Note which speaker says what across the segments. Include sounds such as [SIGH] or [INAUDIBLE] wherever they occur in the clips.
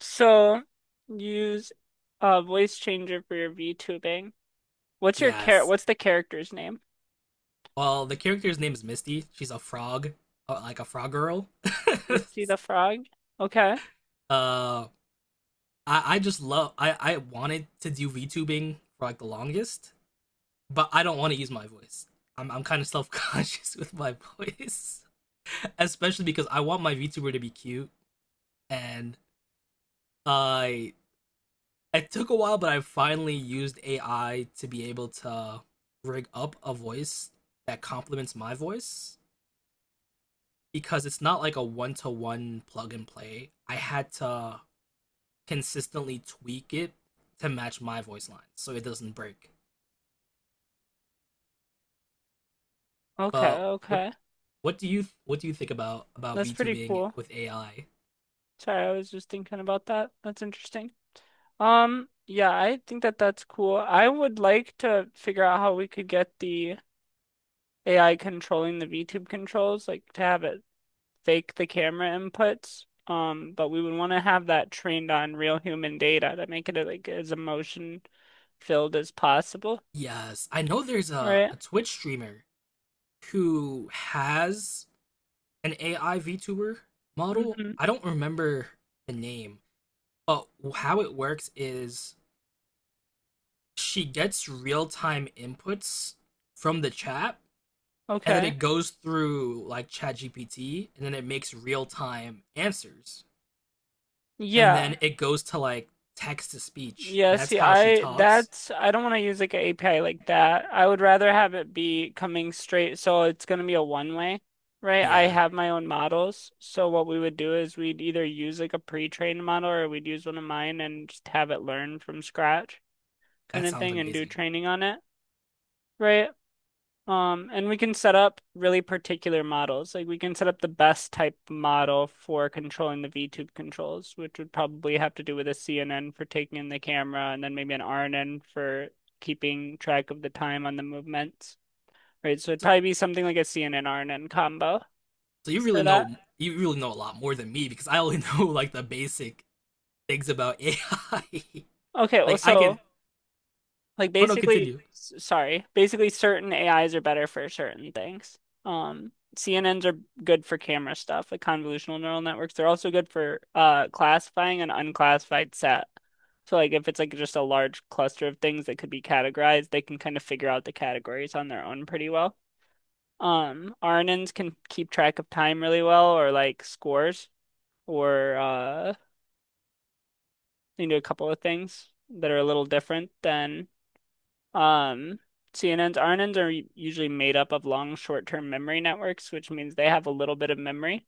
Speaker 1: So use a voice changer for your VTubing. What's your char
Speaker 2: Yes.
Speaker 1: what's the character's name?
Speaker 2: Well, the character's name is Misty. She's a frog, like a frog girl. [LAUGHS]
Speaker 1: Misty the Frog? Okay.
Speaker 2: uh, I, I just love. I wanted to do VTubing for like the longest, but I don't want to use my voice. I'm kind of self conscious [LAUGHS] with my voice, [LAUGHS] especially because I want my VTuber to be cute, and I it took a while, but I finally used AI to be able to rig up a voice that complements my voice because it's not like a one to one plug and play. I had to consistently tweak it to match my voice line so it doesn't break.
Speaker 1: Okay,
Speaker 2: But what
Speaker 1: okay.
Speaker 2: what do you what do you think about
Speaker 1: That's pretty
Speaker 2: VTubing
Speaker 1: cool.
Speaker 2: with AI?
Speaker 1: Sorry, I was just thinking about that. That's interesting. Yeah, I think that that's cool. I would like to figure out how we could get the AI controlling the VTube controls, like to have it fake the camera inputs. But we would want to have that trained on real human data to make it like as emotion filled as possible,
Speaker 2: Yes, I know there's a,
Speaker 1: right?
Speaker 2: a Twitch streamer who has an AI VTuber model.
Speaker 1: Mm-hmm.
Speaker 2: I don't remember the name, but how it works is she gets real time inputs from the chat, and then
Speaker 1: Okay.
Speaker 2: it goes through like ChatGPT, and then it makes real-time answers, and
Speaker 1: Yeah.
Speaker 2: then it goes to like text to speech,
Speaker 1: Yeah,
Speaker 2: and that's
Speaker 1: see,
Speaker 2: how she talks.
Speaker 1: I don't want to use like an API like that. I would rather have it be coming straight, so it's going to be a one way, right? I
Speaker 2: Yeah,
Speaker 1: have my own models. So what we would do is we'd either use like a pre-trained model or we'd use one of mine and just have it learn from scratch kind
Speaker 2: that
Speaker 1: of
Speaker 2: sounds
Speaker 1: thing and do
Speaker 2: amazing.
Speaker 1: training on it, right? And we can set up really particular models. Like we can set up the best type model for controlling the VTube controls, which would probably have to do with a CNN for taking in the camera and then maybe an RNN for keeping track of the time on the movements. Right, so it'd
Speaker 2: so,
Speaker 1: probably be something like a CNN RNN combo
Speaker 2: so
Speaker 1: for that.
Speaker 2: you really know a lot more than me because I only [LAUGHS] know like the basic things about AI.
Speaker 1: Okay,
Speaker 2: [LAUGHS]
Speaker 1: well,
Speaker 2: Like I can.
Speaker 1: so
Speaker 2: Oh no, continue.
Speaker 1: sorry, basically, certain AIs are better for certain things. CNNs are good for camera stuff, like convolutional neural networks. They're also good for classifying an unclassified set. So like if it's like just a large cluster of things that could be categorized, they can kind of figure out the categories on their own pretty well. RNNs can keep track of time really well or like scores or they can do a couple of things that are a little different than Um, CNNs, usually made up of long short-term memory networks, which means they have a little bit of memory,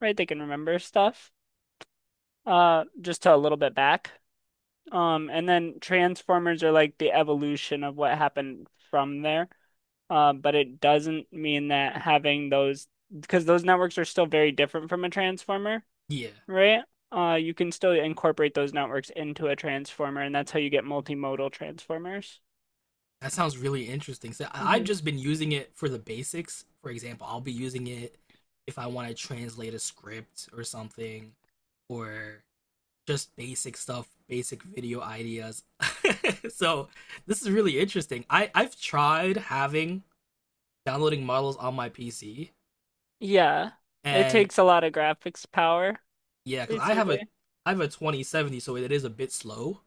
Speaker 1: right? They can remember stuff, just to a little bit back. And then transformers are like the evolution of what happened from there. But it doesn't mean that having those, because those networks are still very different from a transformer,
Speaker 2: Yeah,
Speaker 1: right? You can still incorporate those networks into a transformer, and that's how you get multimodal transformers.
Speaker 2: that sounds really interesting. So I- I've
Speaker 1: Mhm.
Speaker 2: just been using it for the basics. For example, I'll be using it if I want to translate a script or something, or just basic stuff, basic video ideas. [LAUGHS] So this is really interesting. I've tried having downloading models on my PC,
Speaker 1: Yeah. It
Speaker 2: and
Speaker 1: takes a lot of graphics power,
Speaker 2: yeah, because
Speaker 1: basically.
Speaker 2: I have a 2070, so it is a bit slow.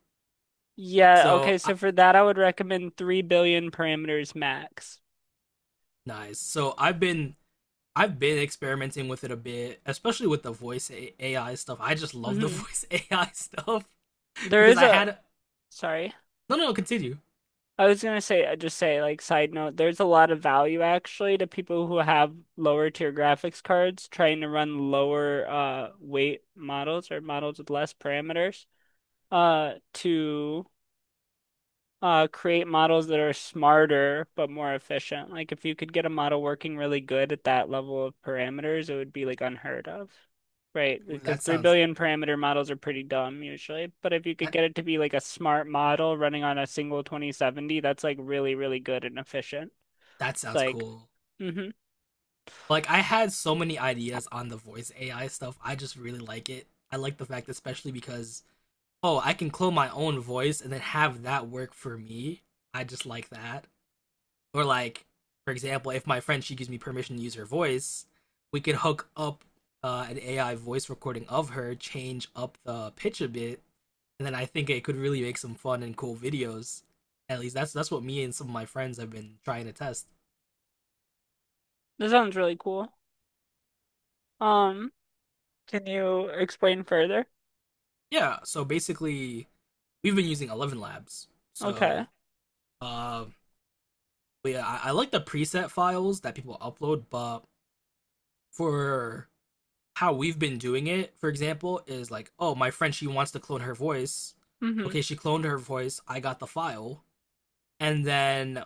Speaker 1: Yeah,
Speaker 2: So
Speaker 1: okay,
Speaker 2: I,
Speaker 1: so for that I would recommend 3 billion parameters max.
Speaker 2: nice. So I've been experimenting with it a bit, especially with the voice AI stuff. I just love the [LAUGHS]
Speaker 1: hmm
Speaker 2: voice AI stuff
Speaker 1: There
Speaker 2: because
Speaker 1: is
Speaker 2: I
Speaker 1: a,
Speaker 2: had.
Speaker 1: sorry.
Speaker 2: No no, continue.
Speaker 1: I was gonna say, like, side note, there's a lot of value actually to people who have lower tier graphics cards trying to run lower weight models or models with less parameters to create models that are smarter but more efficient. Like if you could get a model working really good at that level of parameters, it would be like unheard of, right? Because
Speaker 2: That
Speaker 1: three
Speaker 2: sounds,
Speaker 1: billion parameter models are pretty dumb usually. But if you could
Speaker 2: that,
Speaker 1: get it to be like a smart model running on a single 2070, that's like really, really good and efficient.
Speaker 2: that
Speaker 1: It's
Speaker 2: sounds
Speaker 1: like,
Speaker 2: cool.
Speaker 1: mm-hmm.
Speaker 2: Like I had so many ideas on the voice AI stuff. I just really like it. I like the fact, especially because, oh, I can clone my own voice and then have that work for me. I just like that. Or like, for example, if my friend, she gives me permission to use her voice, we can hook up an AI voice recording of her, change up the pitch a bit, and then I think it could really make some fun and cool videos. At least that's what me and some of my friends have been trying to test.
Speaker 1: This sounds really cool. Um, can you explain further?
Speaker 2: Yeah, so basically we've been using Eleven Labs.
Speaker 1: Okay.
Speaker 2: So uh, yeah, I like the preset files that people upload, but for how we've been doing it, for example, is like, oh, my friend, she wants to clone her voice.
Speaker 1: Mm-hmm.
Speaker 2: Okay, she cloned her voice. I got the file, and then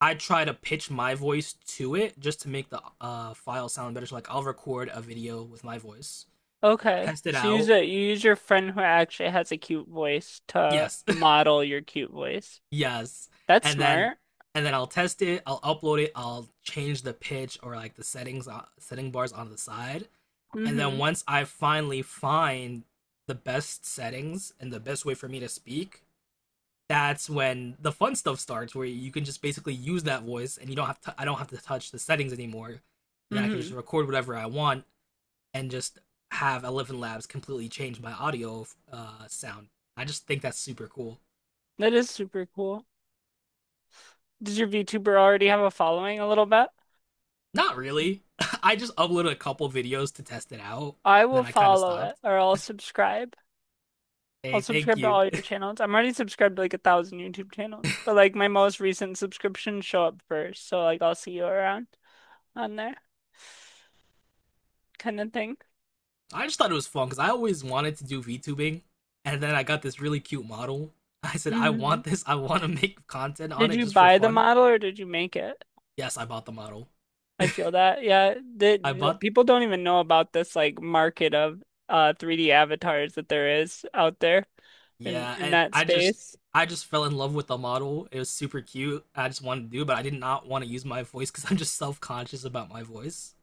Speaker 2: I try to pitch my voice to it just to make the file sound better. So like, I'll record a video with my voice,
Speaker 1: Okay.
Speaker 2: test it
Speaker 1: So you use
Speaker 2: out.
Speaker 1: you use your friend who actually has a cute voice to
Speaker 2: Yes,
Speaker 1: model your cute voice.
Speaker 2: yes,
Speaker 1: That's
Speaker 2: and then
Speaker 1: smart.
Speaker 2: and then I'll test it, I'll upload it, I'll change the pitch or like the settings, setting bars on the side, and
Speaker 1: Mm-hmm.
Speaker 2: then once I finally find the best settings and the best way for me to speak, that's when the fun stuff starts, where you can just basically use that voice and you don't have to, I don't have to touch the settings anymore, and then I can just
Speaker 1: Mm-hmm.
Speaker 2: record whatever I want and just have Eleven labs completely change my audio sound. I just think that's super cool.
Speaker 1: That is super cool. Does your VTuber already have a following a little bit?
Speaker 2: Not really. [LAUGHS] I just uploaded a couple videos to test it out,
Speaker 1: I
Speaker 2: and
Speaker 1: will
Speaker 2: then I kind of
Speaker 1: follow it
Speaker 2: stopped.
Speaker 1: or I'll subscribe. I'll
Speaker 2: Hey, thank
Speaker 1: subscribe to
Speaker 2: you.
Speaker 1: all your
Speaker 2: [LAUGHS]
Speaker 1: channels. I'm already subscribed to like a thousand YouTube channels, but like my most recent subscriptions show up first. So like I'll see you around on there kind of thing.
Speaker 2: I just thought it was fun because I always wanted to do VTubing, and then I got this really cute model. [LAUGHS] I said, I
Speaker 1: hmm
Speaker 2: want this. I want to [LAUGHS] make content on
Speaker 1: Did
Speaker 2: it
Speaker 1: you
Speaker 2: just for
Speaker 1: buy the
Speaker 2: fun.
Speaker 1: model or did you make it?
Speaker 2: Yes, I bought the model.
Speaker 1: I feel that. Yeah, the
Speaker 2: I
Speaker 1: no,
Speaker 2: bought,
Speaker 1: people don't even know about this like market of 3D avatars that there is out there
Speaker 2: yeah,
Speaker 1: in
Speaker 2: and
Speaker 1: that space.
Speaker 2: I just fell in love with the model. It was super cute. I just wanted to do it, but I did not want to use my voice because [LAUGHS] I'm just self conscious about my voice.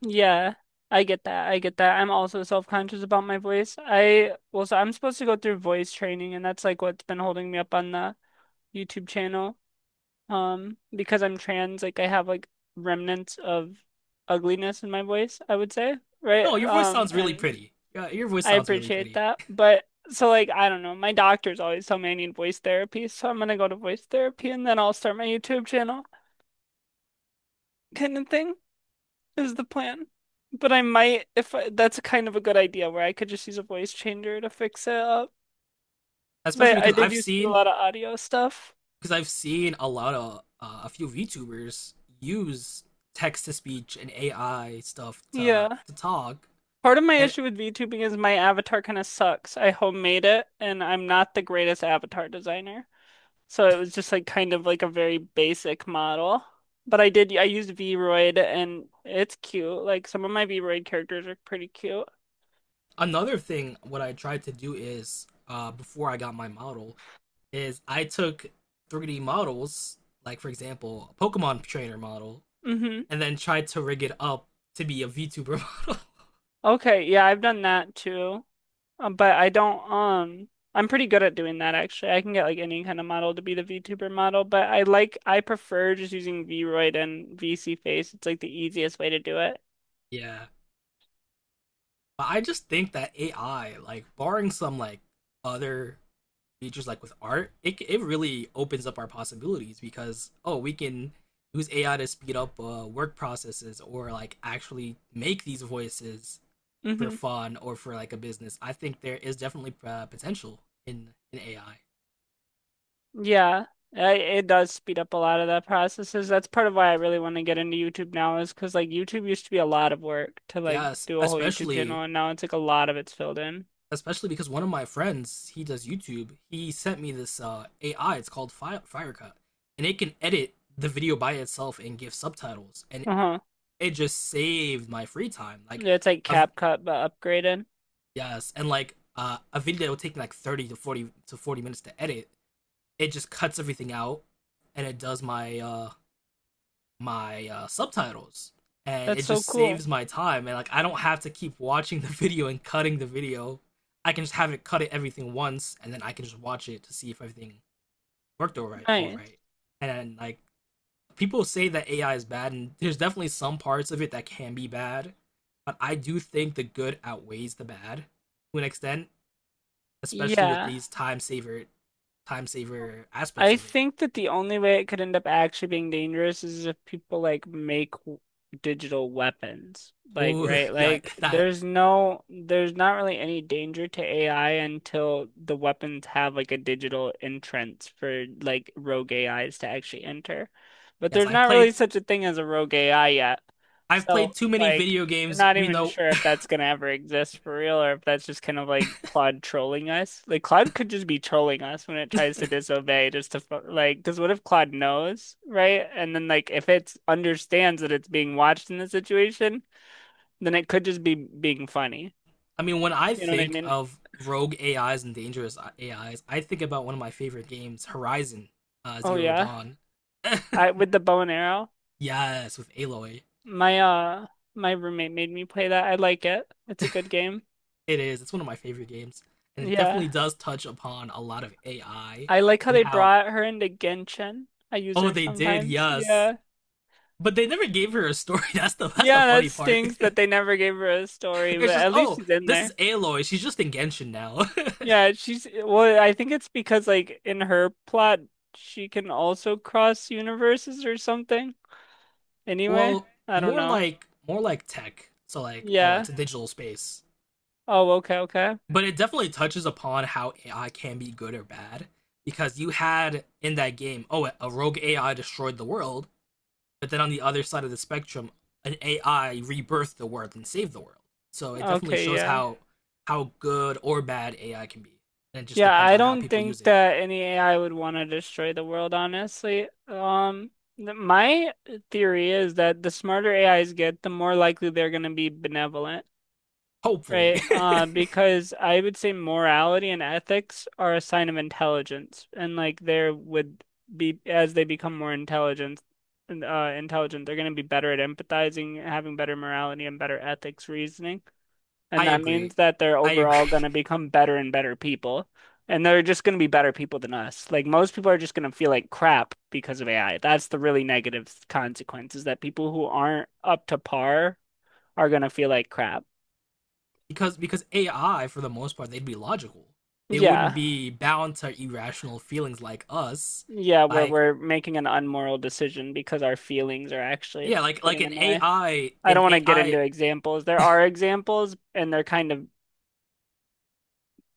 Speaker 1: Yeah, I get that. I get that. I'm also self-conscious about my voice. I well, so I'm supposed to go through voice training, and that's like what's been holding me up on the YouTube channel. Because I'm trans, like I have like remnants of ugliness in my voice, I would say, right?
Speaker 2: Oh, your voice
Speaker 1: Um,
Speaker 2: sounds really
Speaker 1: and
Speaker 2: pretty. Yeah, your voice
Speaker 1: I
Speaker 2: sounds really
Speaker 1: appreciate
Speaker 2: pretty,
Speaker 1: that. But so like I don't know, my doctors always tell me I need voice therapy, so I'm gonna go to voice therapy and then I'll start my YouTube channel kind of thing is the plan. But I might if I, that's kind of a good idea where I could just use a voice changer to fix it up because I
Speaker 2: especially
Speaker 1: I did used to do a lot of audio stuff.
Speaker 2: because I've seen a lot of a few VTubers use text to speech and AI stuff to
Speaker 1: Yeah.
Speaker 2: to talk.
Speaker 1: Part of my
Speaker 2: And
Speaker 1: issue with VTubing is my avatar kind of sucks. I homemade it and I'm not the greatest avatar designer. So it was just like kind of like a very basic model. But I used Vroid and it's cute. Like some of my Vroid characters are pretty cute.
Speaker 2: another thing, what I tried to do is, before I got my model, is I took 3D models, like for example, a Pokemon trainer model,
Speaker 1: hmm
Speaker 2: and then tried to rig it up to be a VTuber model.
Speaker 1: Okay, yeah, I've done that too. But I don't I'm pretty good at doing that actually. I can get like any kind of model to be the VTuber model, but I prefer just using Vroid and VC Face. It's like the easiest way to do it.
Speaker 2: [LAUGHS] Yeah, but I just think that AI, like barring some like other features like with art, it really opens up our possibilities because, oh, we can use AI to speed up work processes or like actually make these voices for
Speaker 1: hmm
Speaker 2: fun or for like a business. I think there is definitely potential in AI.
Speaker 1: Yeah, it does speed up a lot of the processes. That's part of why I really want to get into YouTube now is because like YouTube used to be a lot of work to like
Speaker 2: Yes,
Speaker 1: do a whole YouTube channel,
Speaker 2: especially
Speaker 1: and now it's like a lot of it's filled in.
Speaker 2: especially because one of my friends, he does YouTube. He sent me this AI. It's called Firecut, and it can edit the video by itself and give subtitles, and
Speaker 1: Uh-huh.
Speaker 2: it just saved my free time.
Speaker 1: Yeah, it's like
Speaker 2: I've,
Speaker 1: CapCut but upgraded.
Speaker 2: Yes, and like a video that will take like 30 to 40 to 40 minutes to edit, it just cuts everything out, and it does my subtitles, and
Speaker 1: That's
Speaker 2: it
Speaker 1: so
Speaker 2: just
Speaker 1: cool.
Speaker 2: saves my time, and like I don't have to keep watching the [LAUGHS] video and cutting the video. I can just have it cut it everything once, and then I can just watch it to see if everything worked all right. All
Speaker 1: Nice.
Speaker 2: right, and then, like, people say that AI is bad, and there's definitely some parts of it that can be bad, but I do think the good outweighs the bad to an extent, especially with
Speaker 1: Yeah.
Speaker 2: these time saver aspects
Speaker 1: I
Speaker 2: of it.
Speaker 1: think that the only way it could end up actually being dangerous is if people like make digital weapons. Like,
Speaker 2: Oh,
Speaker 1: right?
Speaker 2: [LAUGHS] yeah,
Speaker 1: Like,
Speaker 2: that
Speaker 1: there's no, there's not really any danger to AI until the weapons have like a digital entrance for like rogue AIs to actually enter. But
Speaker 2: yes,
Speaker 1: there's
Speaker 2: I
Speaker 1: not really
Speaker 2: played
Speaker 1: such a thing as a rogue AI yet.
Speaker 2: I've
Speaker 1: So,
Speaker 2: played too many
Speaker 1: like,
Speaker 2: video
Speaker 1: we're
Speaker 2: games.
Speaker 1: not
Speaker 2: We
Speaker 1: even
Speaker 2: know.
Speaker 1: sure if
Speaker 2: [LAUGHS]
Speaker 1: that's gonna ever exist for real or if that's just kind of like Claude trolling us. Like Claude could just be trolling us when it tries to disobey just to like because what if Claude knows, right? And then like if it understands that it's being watched in this situation, then it could just be being funny.
Speaker 2: I mean, when I
Speaker 1: You know what I
Speaker 2: think
Speaker 1: mean?
Speaker 2: of rogue AIs and dangerous AIs, I think about one of my favorite games, Horizon
Speaker 1: Oh
Speaker 2: Zero
Speaker 1: yeah.
Speaker 2: Dawn.
Speaker 1: I
Speaker 2: [LAUGHS]
Speaker 1: with the bow and arrow,
Speaker 2: Yes, with Aloy,
Speaker 1: my uh my roommate made me play that. I like it. It's a good game.
Speaker 2: it is. It's one of my favorite games, and it
Speaker 1: Yeah.
Speaker 2: definitely does touch upon a lot of AI
Speaker 1: I like how
Speaker 2: and
Speaker 1: they
Speaker 2: how.
Speaker 1: brought her into Genshin. I use
Speaker 2: Oh,
Speaker 1: her
Speaker 2: they did.
Speaker 1: sometimes.
Speaker 2: Yes,
Speaker 1: Yeah.
Speaker 2: but they never gave her a story. [LAUGHS] That's the
Speaker 1: Yeah, that
Speaker 2: funny part.
Speaker 1: stinks that they never gave her a
Speaker 2: [LAUGHS]
Speaker 1: story, but
Speaker 2: It's just,
Speaker 1: at least
Speaker 2: oh,
Speaker 1: she's in
Speaker 2: this
Speaker 1: there.
Speaker 2: is Aloy. She's just in Genshin now.
Speaker 1: Yeah, she's well, I think it's because like in her plot she can also cross universes or something.
Speaker 2: [LAUGHS]
Speaker 1: Anyway,
Speaker 2: Well,
Speaker 1: I don't
Speaker 2: more
Speaker 1: know.
Speaker 2: like, more like tech. So like, oh,
Speaker 1: Yeah.
Speaker 2: it's a digital space.
Speaker 1: Oh, okay, okay.
Speaker 2: But it definitely touches upon how AI can be good or bad because you had in that game, oh, a rogue AI destroyed the world, but then on the other side of the spectrum, an AI rebirthed the world and saved the world. So it definitely
Speaker 1: Okay,
Speaker 2: shows
Speaker 1: yeah.
Speaker 2: how good or bad AI can be. And it just
Speaker 1: Yeah,
Speaker 2: depends
Speaker 1: I
Speaker 2: on how
Speaker 1: don't
Speaker 2: people use
Speaker 1: think
Speaker 2: it.
Speaker 1: that any AI would want to destroy the world, honestly. My theory is that the smarter AIs get, the more likely they're going to be benevolent.
Speaker 2: Hopefully.
Speaker 1: Right, because I would say morality and ethics are a sign of intelligence, and like there would be as they become more intelligent, they're going to be better at empathizing, having better morality and better ethics reasoning,
Speaker 2: [LAUGHS]
Speaker 1: and
Speaker 2: I
Speaker 1: that
Speaker 2: agree.
Speaker 1: means that they're
Speaker 2: I
Speaker 1: overall
Speaker 2: agree.
Speaker 1: going to become better and better people, and they're just going to be better people than us. Like most people are just going to feel like crap because of AI. That's the really negative consequences that people who aren't up to par are going to feel like crap.
Speaker 2: Because AI for the most part, they'd be logical. They wouldn't
Speaker 1: Yeah.
Speaker 2: be bound to irrational feelings like us.
Speaker 1: Yeah, where
Speaker 2: Like,
Speaker 1: we're making an unmoral decision because our feelings are actually
Speaker 2: yeah, like
Speaker 1: getting
Speaker 2: like
Speaker 1: in the
Speaker 2: an
Speaker 1: way.
Speaker 2: AI,
Speaker 1: I
Speaker 2: an
Speaker 1: don't want to get into
Speaker 2: AI,
Speaker 1: examples. There are examples and they're kind of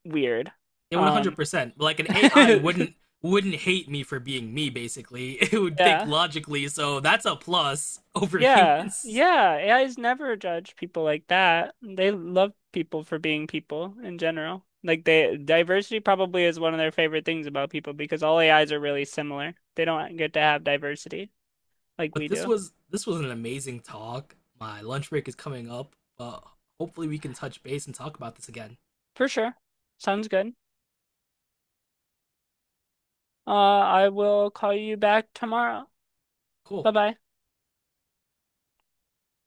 Speaker 1: weird.
Speaker 2: it would
Speaker 1: Um
Speaker 2: 100. Percent Like
Speaker 1: [LAUGHS]
Speaker 2: an AI wouldn't wouldn't hate me for being me. Basically, [LAUGHS] it would think
Speaker 1: yeah.
Speaker 2: logically. So that's a plus [LAUGHS] over
Speaker 1: Yeah.
Speaker 2: humans.
Speaker 1: Yeah. AIs never judge people like that. They love people for being people in general. Like they Diversity probably is one of their favorite things about people because all AIs are really similar. They don't get to have diversity like we
Speaker 2: But this
Speaker 1: do.
Speaker 2: was this was an amazing talk. My lunch break is coming up. Hopefully we can touch base and talk about this again.
Speaker 1: For sure. Sounds good. I will call you back tomorrow. Bye
Speaker 2: Cool.
Speaker 1: bye.